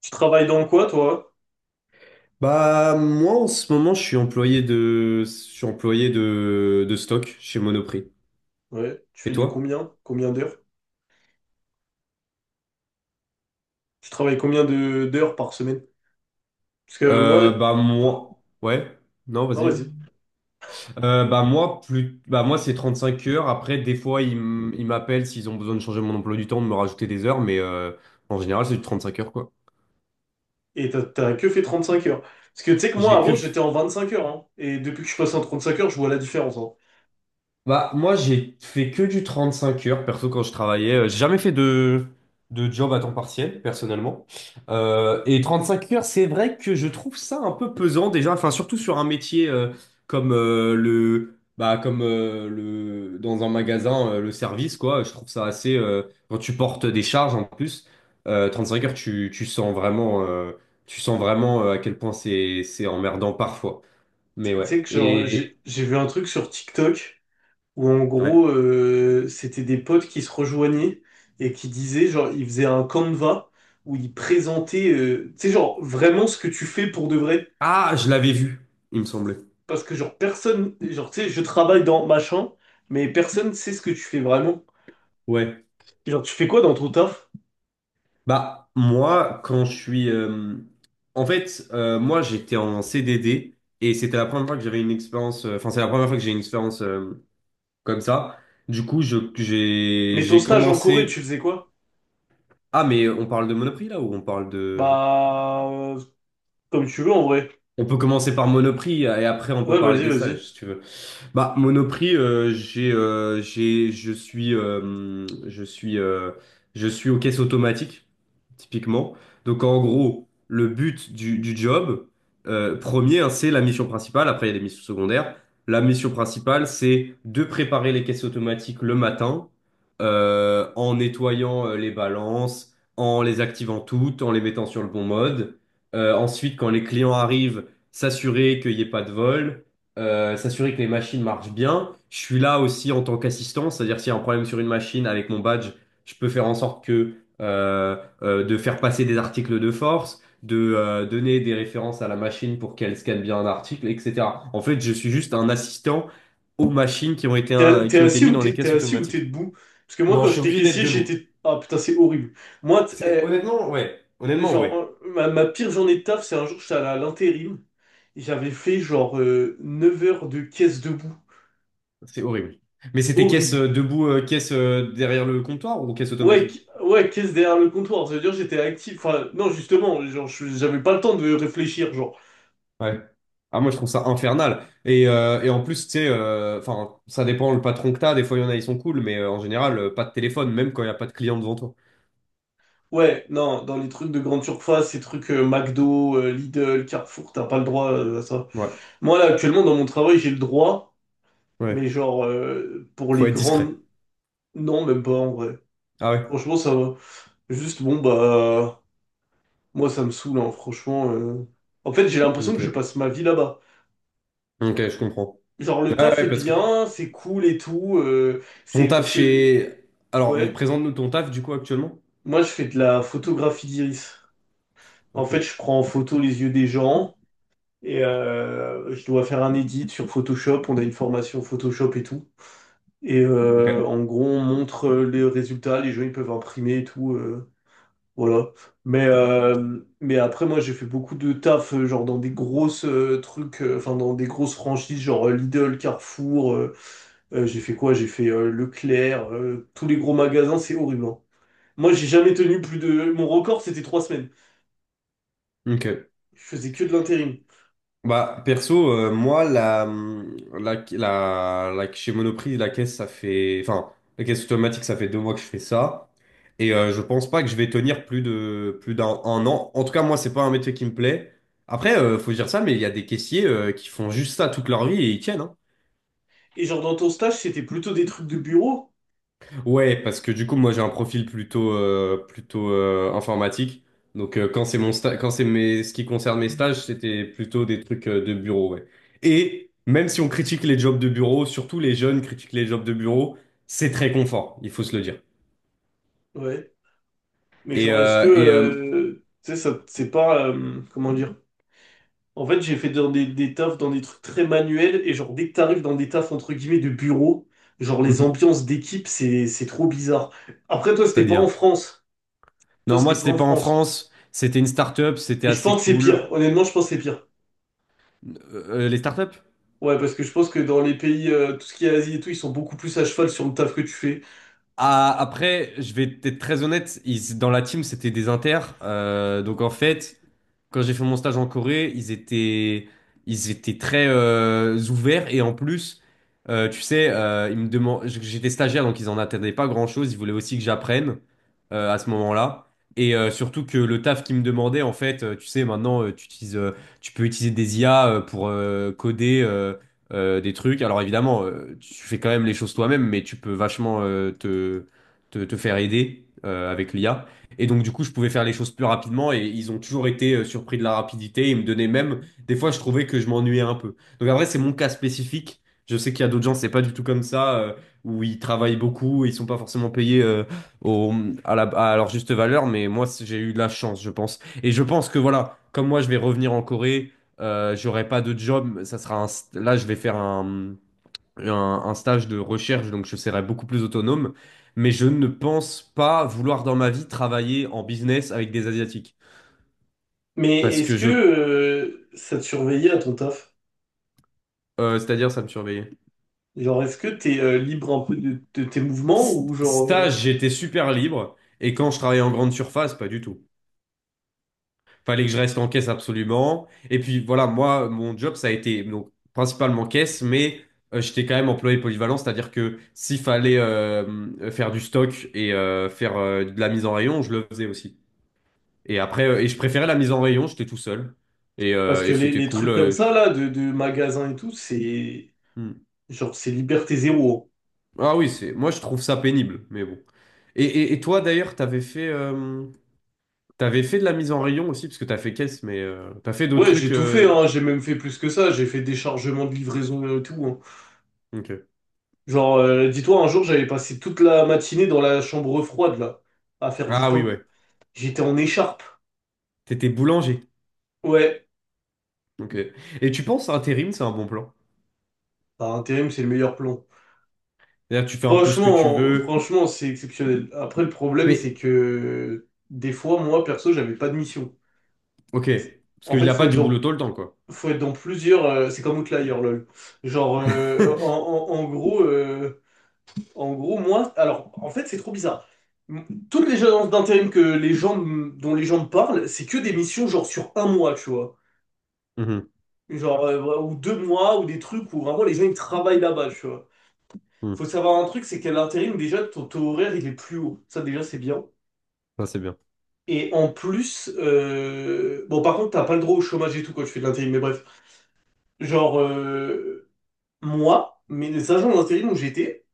Tu travailles dans quoi, toi? Bah moi en ce moment je suis employé de stock chez Monoprix. Ouais. Tu Et fais du toi? combien? Combien d'heures? Tu travailles combien de d'heures par semaine? Parce que moi. Bah Ah, moi, ouais, non, non, vas-y. vas-y. Bah moi plus bah moi c'est 35 heures. Après des fois ils m'appellent s'ils ont besoin de changer mon emploi du temps de me rajouter des heures mais en général c'est du 5 heures quoi. Et t'as que fait 35 heures. Parce que tu sais que moi, J'ai que avant, j'étais en 25 heures, hein. Et depuis que je passe en 35 heures, je vois la différence, hein. Bah, moi, j'ai fait que du 35 heures, perso, quand je travaillais. J'ai jamais fait de job à temps partiel, personnellement. Et 5 heures, c'est vrai que je trouve ça un peu pesant, déjà. Enfin, surtout sur un métier, comme le... Bah, comme le... dans un magasin, le service, quoi. Je trouve ça assez, quand tu portes des charges, en plus, 5 heures, tu sens vraiment, à quel point c'est emmerdant parfois. Tu Mais tu ouais. sais que genre, Et. j'ai vu un truc sur TikTok où en Ouais. gros, c'était des potes qui se rejoignaient et qui disaient, genre, ils faisaient un Canva où ils présentaient, tu sais, genre, vraiment ce que tu fais pour de vrai. Ah, je l'avais vu, il me semblait. Parce que genre personne, genre tu sais, je travaille dans machin, mais personne sait ce que tu fais vraiment. Ouais. Genre tu fais quoi dans ton taf? Bah, moi, en fait, moi, j'étais en CDD et c'était la première fois que j'avais une expérience... enfin, c'est la première fois que j'ai une expérience comme ça. Du coup, Mais ton j'ai stage en Corée, tu commencé. faisais quoi? Ah, mais on parle de Monoprix là ou on parle de. Bah, comme tu veux en vrai. On peut commencer par Monoprix et après on peut Ouais, parler vas-y, des stages, vas-y. si tu veux. Bah, Monoprix, je suis aux caisses automatiques, typiquement. Donc, en gros, le but du job, premier, hein, c'est la mission principale. Après, il y a des missions secondaires. La mission principale, c'est de préparer les caisses automatiques le matin, en nettoyant les balances, en les activant toutes, en les mettant sur le bon mode. Ensuite, quand les clients arrivent, s'assurer qu'il n'y ait pas de vol, s'assurer que les machines marchent bien. Je suis là aussi en tant qu'assistant, c'est-à-dire s'il y a un problème sur une machine avec mon badge, je peux faire en sorte que euh, de faire passer des articles de force, de donner des références à la machine pour qu'elle scanne bien un article, etc. En fait, je suis juste un assistant aux machines T'es t'es qui ont été assis mis ou dans les t'es caisses assis ou t'es automatiques. debout? Parce que moi Non, quand je suis j'étais obligé d'être caissier, debout. j'étais ah putain c'est horrible. Moi t- C'est honnêtement, ouais. eh, Honnêtement, genre ouais. Ma pire journée de taf, c'est un jour j'étais allé à l'intérim et j'avais fait genre 9 heures de caisse debout. C'est horrible. Mais c'était caisse, Horrible. Debout, caisse derrière le comptoir ou caisse Ouais, automatique? Ouais, caisse derrière le comptoir, ça veut dire que j'étais actif. Enfin, non, justement, genre, j'avais pas le temps de réfléchir, genre. Ouais. Ah, moi, je trouve ça infernal. Et en plus, tu sais, enfin, ça dépend le patron que t'as. Des fois, il y en a, ils sont cool, mais en général, pas de téléphone, même quand il n'y a pas de client devant toi. Ouais, non, dans les trucs de grande surface, ces trucs McDo, Lidl, Carrefour, t'as pas le droit à ça. Ouais, Moi, là, actuellement, dans mon travail, j'ai le droit, mais ouais. genre, pour Faut les être discret. grandes, non, même pas, en vrai. Ah ouais? Franchement, ça va. Juste, bon, bah, moi, ça me saoule, hein, franchement. En fait, j'ai l'impression que je Ok. passe ma vie là-bas. Ok, je comprends. Genre, le Ouais, taf est ouais, parce que bien, c'est cool et tout, ton c'est taf parce que, chez... alors, ouais. présente-nous ton taf, du coup, actuellement. Moi, je fais de la photographie d'iris. En Ok. fait, je prends en photo les yeux des gens et je dois faire un edit sur Photoshop. On a une formation Photoshop et tout. Et Ok. En gros, on montre les résultats. Les gens, ils peuvent imprimer et tout. Voilà. Mais après, moi, j'ai fait beaucoup de taf, genre dans des grosses trucs, enfin, dans des grosses franchises, genre Lidl, Carrefour. J'ai fait quoi? J'ai fait Leclerc, tous les gros magasins, c'est horrible, hein. Moi, j'ai jamais tenu plus de. Mon record, c'était 3 semaines. Ok. Je faisais que de l'intérim. Bah, perso, moi, chez Monoprix, la caisse, ça fait, enfin, la caisse automatique, ça fait 2 mois que je fais ça. Et je pense pas que je vais tenir plus d'un an. En tout cas, moi, c'est pas un métier qui me plaît. Après, faut dire ça, mais il y a des caissiers qui font juste ça toute leur vie et ils tiennent, hein. Et genre dans ton stage, c'était plutôt des trucs de bureau. Ouais, parce que du coup, moi, j'ai un profil plutôt informatique. Donc, quand c'est mon sta- quand c'est mes, ce qui concerne mes stages, c'était plutôt des trucs de bureau, ouais. Et même si on critique les jobs de bureau, surtout les jeunes critiquent les jobs de bureau, c'est très confort, il faut se le dire. Ouais. Mais Et, genre, est-ce que euh, et euh, tu sais, ça c'est pas comment dire? En fait, j'ai fait dans des tafs, dans des trucs très manuels, et genre dès que t'arrives dans des tafs entre guillemets de bureau, genre les mhm, ambiances d'équipe, c'est trop bizarre. Après, toi, c'était pas en c'est-à-dire. France. Toi, Non, moi, c'était pas c'était en pas en France. France. C'était une start-up, c'était Mais je assez pense que c'est cool. pire. Honnêtement, je pense que c'est pire. Les startups? Ouais, parce que je pense que dans les pays, tout ce qui est Asie et tout, ils sont beaucoup plus à cheval sur le taf que tu fais. Ah, après, je vais être très honnête, dans la team, c'était des inters. Donc en fait, quand j'ai fait mon stage en Corée, ils étaient très ouverts. Et en plus, tu sais, ils me demandent, j'étais stagiaire, donc ils en attendaient pas grand-chose. Ils voulaient aussi que j'apprenne à ce moment-là. Et surtout que le taf qu'ils me demandaient, en fait, tu sais, maintenant, tu peux utiliser des IA pour coder. Des trucs. Alors évidemment, tu fais quand même les choses toi-même, mais tu peux vachement te faire aider avec l'IA. Et donc du coup, je pouvais faire les choses plus rapidement et ils ont toujours été surpris de la rapidité. Ils me donnaient même, des fois, je trouvais que je m'ennuyais un peu. Donc après, c'est mon cas spécifique. Je sais qu'il y a d'autres gens, c'est pas du tout comme ça, où ils travaillent beaucoup, et ils sont pas forcément payés au, à leur juste valeur, mais moi, j'ai eu de la chance, je pense. Et je pense que voilà, comme moi, je vais revenir en Corée. J'aurai pas de job, ça sera là je vais faire un stage de recherche, donc je serai beaucoup plus autonome, mais je ne pense pas vouloir dans ma vie travailler en business avec des Asiatiques, Mais parce est-ce que que ça te surveillait à ton taf? C'est-à-dire ça me surveillait. Genre, est-ce que t'es libre un peu de tes mouvements ou genre Stage, j'étais super libre, et quand je travaillais en grande surface, pas du tout. Fallait que je reste en caisse absolument. Et puis voilà, moi, mon job, ça a été donc principalement caisse, mais j'étais quand même employé polyvalent, c'est-à-dire que s'il fallait faire du stock et faire de la mise en rayon, je le faisais aussi. Et après, je préférais la mise en rayon, j'étais tout seul. Et, parce euh, que et c'était les cool. trucs comme ça là de magasins et tout, c'est Hmm. genre c'est liberté zéro, hein. Ah oui, c'est moi je trouve ça pénible, mais bon. Et toi d'ailleurs, t'avais fait de la mise en rayon aussi, parce que t'as fait caisse, mais t'as fait d'autres Ouais, j'ai trucs. tout fait, hein, j'ai même fait plus que ça, j'ai fait des chargements de livraison et tout, hein. Ok. Genre, dis-toi, un jour j'avais passé toute la matinée dans la chambre froide là, à faire du Ah oui, pain. ouais. J'étais en écharpe. T'étais boulanger. Ouais, Ok. Et tu penses intérim, c'est un bon plan? par intérim, c'est le meilleur plan. C'est-à-dire, tu fais un peu ce que tu Franchement, veux, franchement, c'est exceptionnel. Après, le problème, c'est mais que des fois, moi, perso, j'avais pas de mission. ok. Parce En qu'il n'y fait, a faut pas être du boulot dans tout le temps, quoi. Faut être dans plusieurs. C'est comme Outlier, lol. Genre, en gros, moi, alors, en fait, c'est trop bizarre. Toutes les agences d'intérim que les gens, dont les gens me parlent, c'est que des missions genre sur un mois, tu vois. Mhm, Genre, ou 2 mois, ou des trucs où vraiment les gens ils travaillent là-bas, tu vois. Faut mhm. savoir un truc, c'est qu'à l'intérim, déjà, ton taux horaire il est plus haut. Ça, déjà, c'est bien. Ah, c'est bien. Et en plus, bon, par contre, t'as pas le droit au chômage et tout quand tu fais de l'intérim, mais bref. Genre, moi, mais les agents d'intérim où j'étais,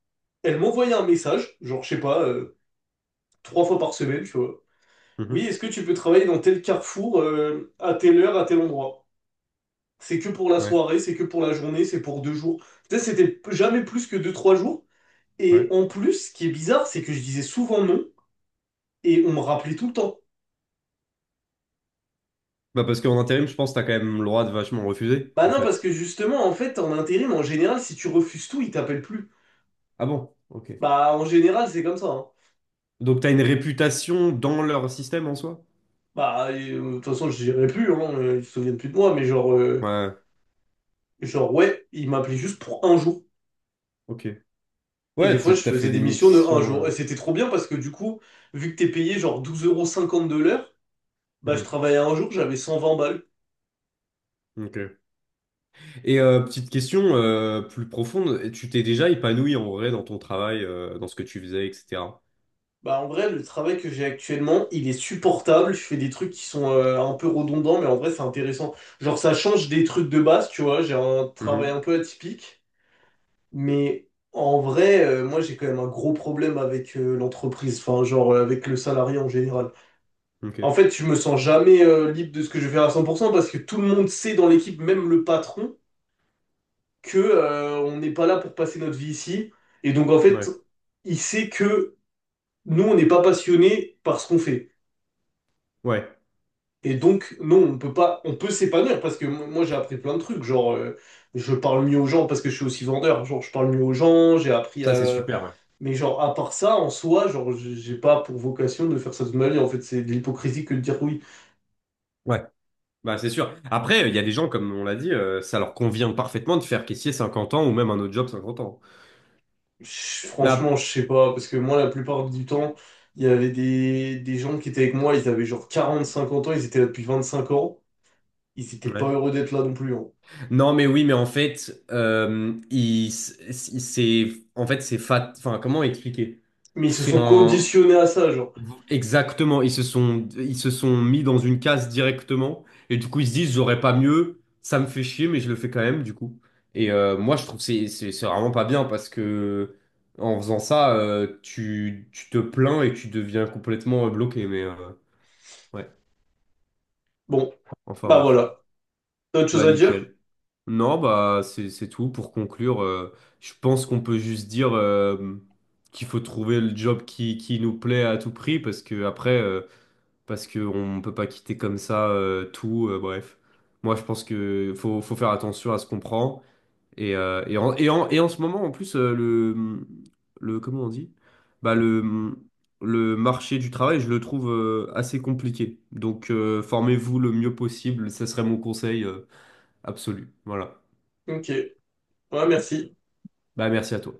elles m'envoyaient un message, genre, je sais pas, trois fois par semaine, tu vois. Oui, Mhm. est-ce que tu peux travailler dans tel carrefour, à telle heure, à tel endroit? C'est que pour la Ouais, soirée, c'est que pour la journée, c'est pour 2 jours. Peut-être c'était jamais plus que deux, trois jours. Et ouais. en plus, ce qui est bizarre, c'est que je disais souvent non, et on me rappelait tout le temps. Bah parce qu'en intérim, je pense que t'as quand même le droit de vachement refuser, Bah en non, parce fait. que justement, en fait, en intérim, en général, si tu refuses tout, ils t'appellent plus. Ah bon? Ok. Bah, en général, c'est comme ça, hein. Donc t'as une réputation dans leur système en soi? Bah, de toute façon, je dirais plus, hein, ils se souviennent plus de moi, mais genre. Ouais, Genre, ouais, il m'appelait juste pour un jour. ok. Et des Ouais, fois, je t'as fait faisais des des missions de un missions. jour. Et c'était trop bien parce que du coup, vu que t'es payé genre 12,50 € de l'heure, bah je Mhm. travaillais un jour, j'avais 120 balles. Ok. Et petite question plus profonde, et tu t'es déjà épanoui en vrai dans ton travail, dans ce que tu faisais, etc. Bah en vrai, le travail que j'ai actuellement, il est supportable. Je fais des trucs qui sont un peu redondants, mais en vrai, c'est intéressant. Genre, ça change des trucs de base, tu vois. J'ai un travail un Mhm. peu atypique. Mais en vrai, moi, j'ai quand même un gros problème avec l'entreprise. Enfin, genre, avec le salarié en général. Ok. En fait, je me sens jamais libre de ce que je vais faire à 100% parce que tout le monde sait dans l'équipe, même le patron, que on n'est pas là pour passer notre vie ici. Et donc, en fait, Ouais. il sait que nous, on n'est pas passionnés par ce qu'on fait. Ouais, Et donc, non, on peut pas, on peut s'épanouir parce que moi, j'ai appris plein de trucs. Genre, je parle mieux aux gens parce que je suis aussi vendeur. Genre, je parle mieux aux gens, j'ai appris ça c'est à. super. Ouais. Mais genre, à part ça, en soi, genre, j'ai pas pour vocation de faire ça de ma vie. En fait, c'est de l'hypocrisie que de dire oui. Ouais. Bah c'est sûr. Après, il y a des gens, comme on l'a dit, ça leur convient parfaitement de faire caissier 50 ans ou même un autre job 50 ans. Mais Franchement, je sais pas, parce que moi, la plupart du temps, il y avait des gens qui étaient avec moi, ils avaient genre 40, 50 ans, ils étaient là depuis 25 ans, ils étaient pas ouais. heureux d'être là non plus, hein. Non, mais oui, mais en fait, c'est en fait c'est fat. Enfin, comment expliquer? Mais ils se C'est sont un. conditionnés à ça, genre. Exactement, ils se sont mis dans une case directement et du coup ils se disent j'aurais pas mieux, ça me fait chier mais je le fais quand même du coup. Et moi je trouve que c'est vraiment pas bien parce que en faisant ça tu te plains et tu deviens complètement bloqué mais ouais, Bon, enfin bah bref. voilà. T'as autre chose Bah à dire? nickel. Non bah c'est tout pour conclure, je pense qu'on peut juste dire qu'il faut trouver le job qui nous plaît à tout prix parce que après, parce qu'on ne peut pas quitter comme ça, tout, bref. Moi, je pense que faut faire attention à ce qu'on prend. Et en ce moment, en plus, le, comment on dit? Bah, le marché du travail, je le trouve assez compliqué. Donc, formez-vous le mieux possible, ça serait mon conseil absolu. Voilà. Ok. Ouais, merci. Bah, merci à toi.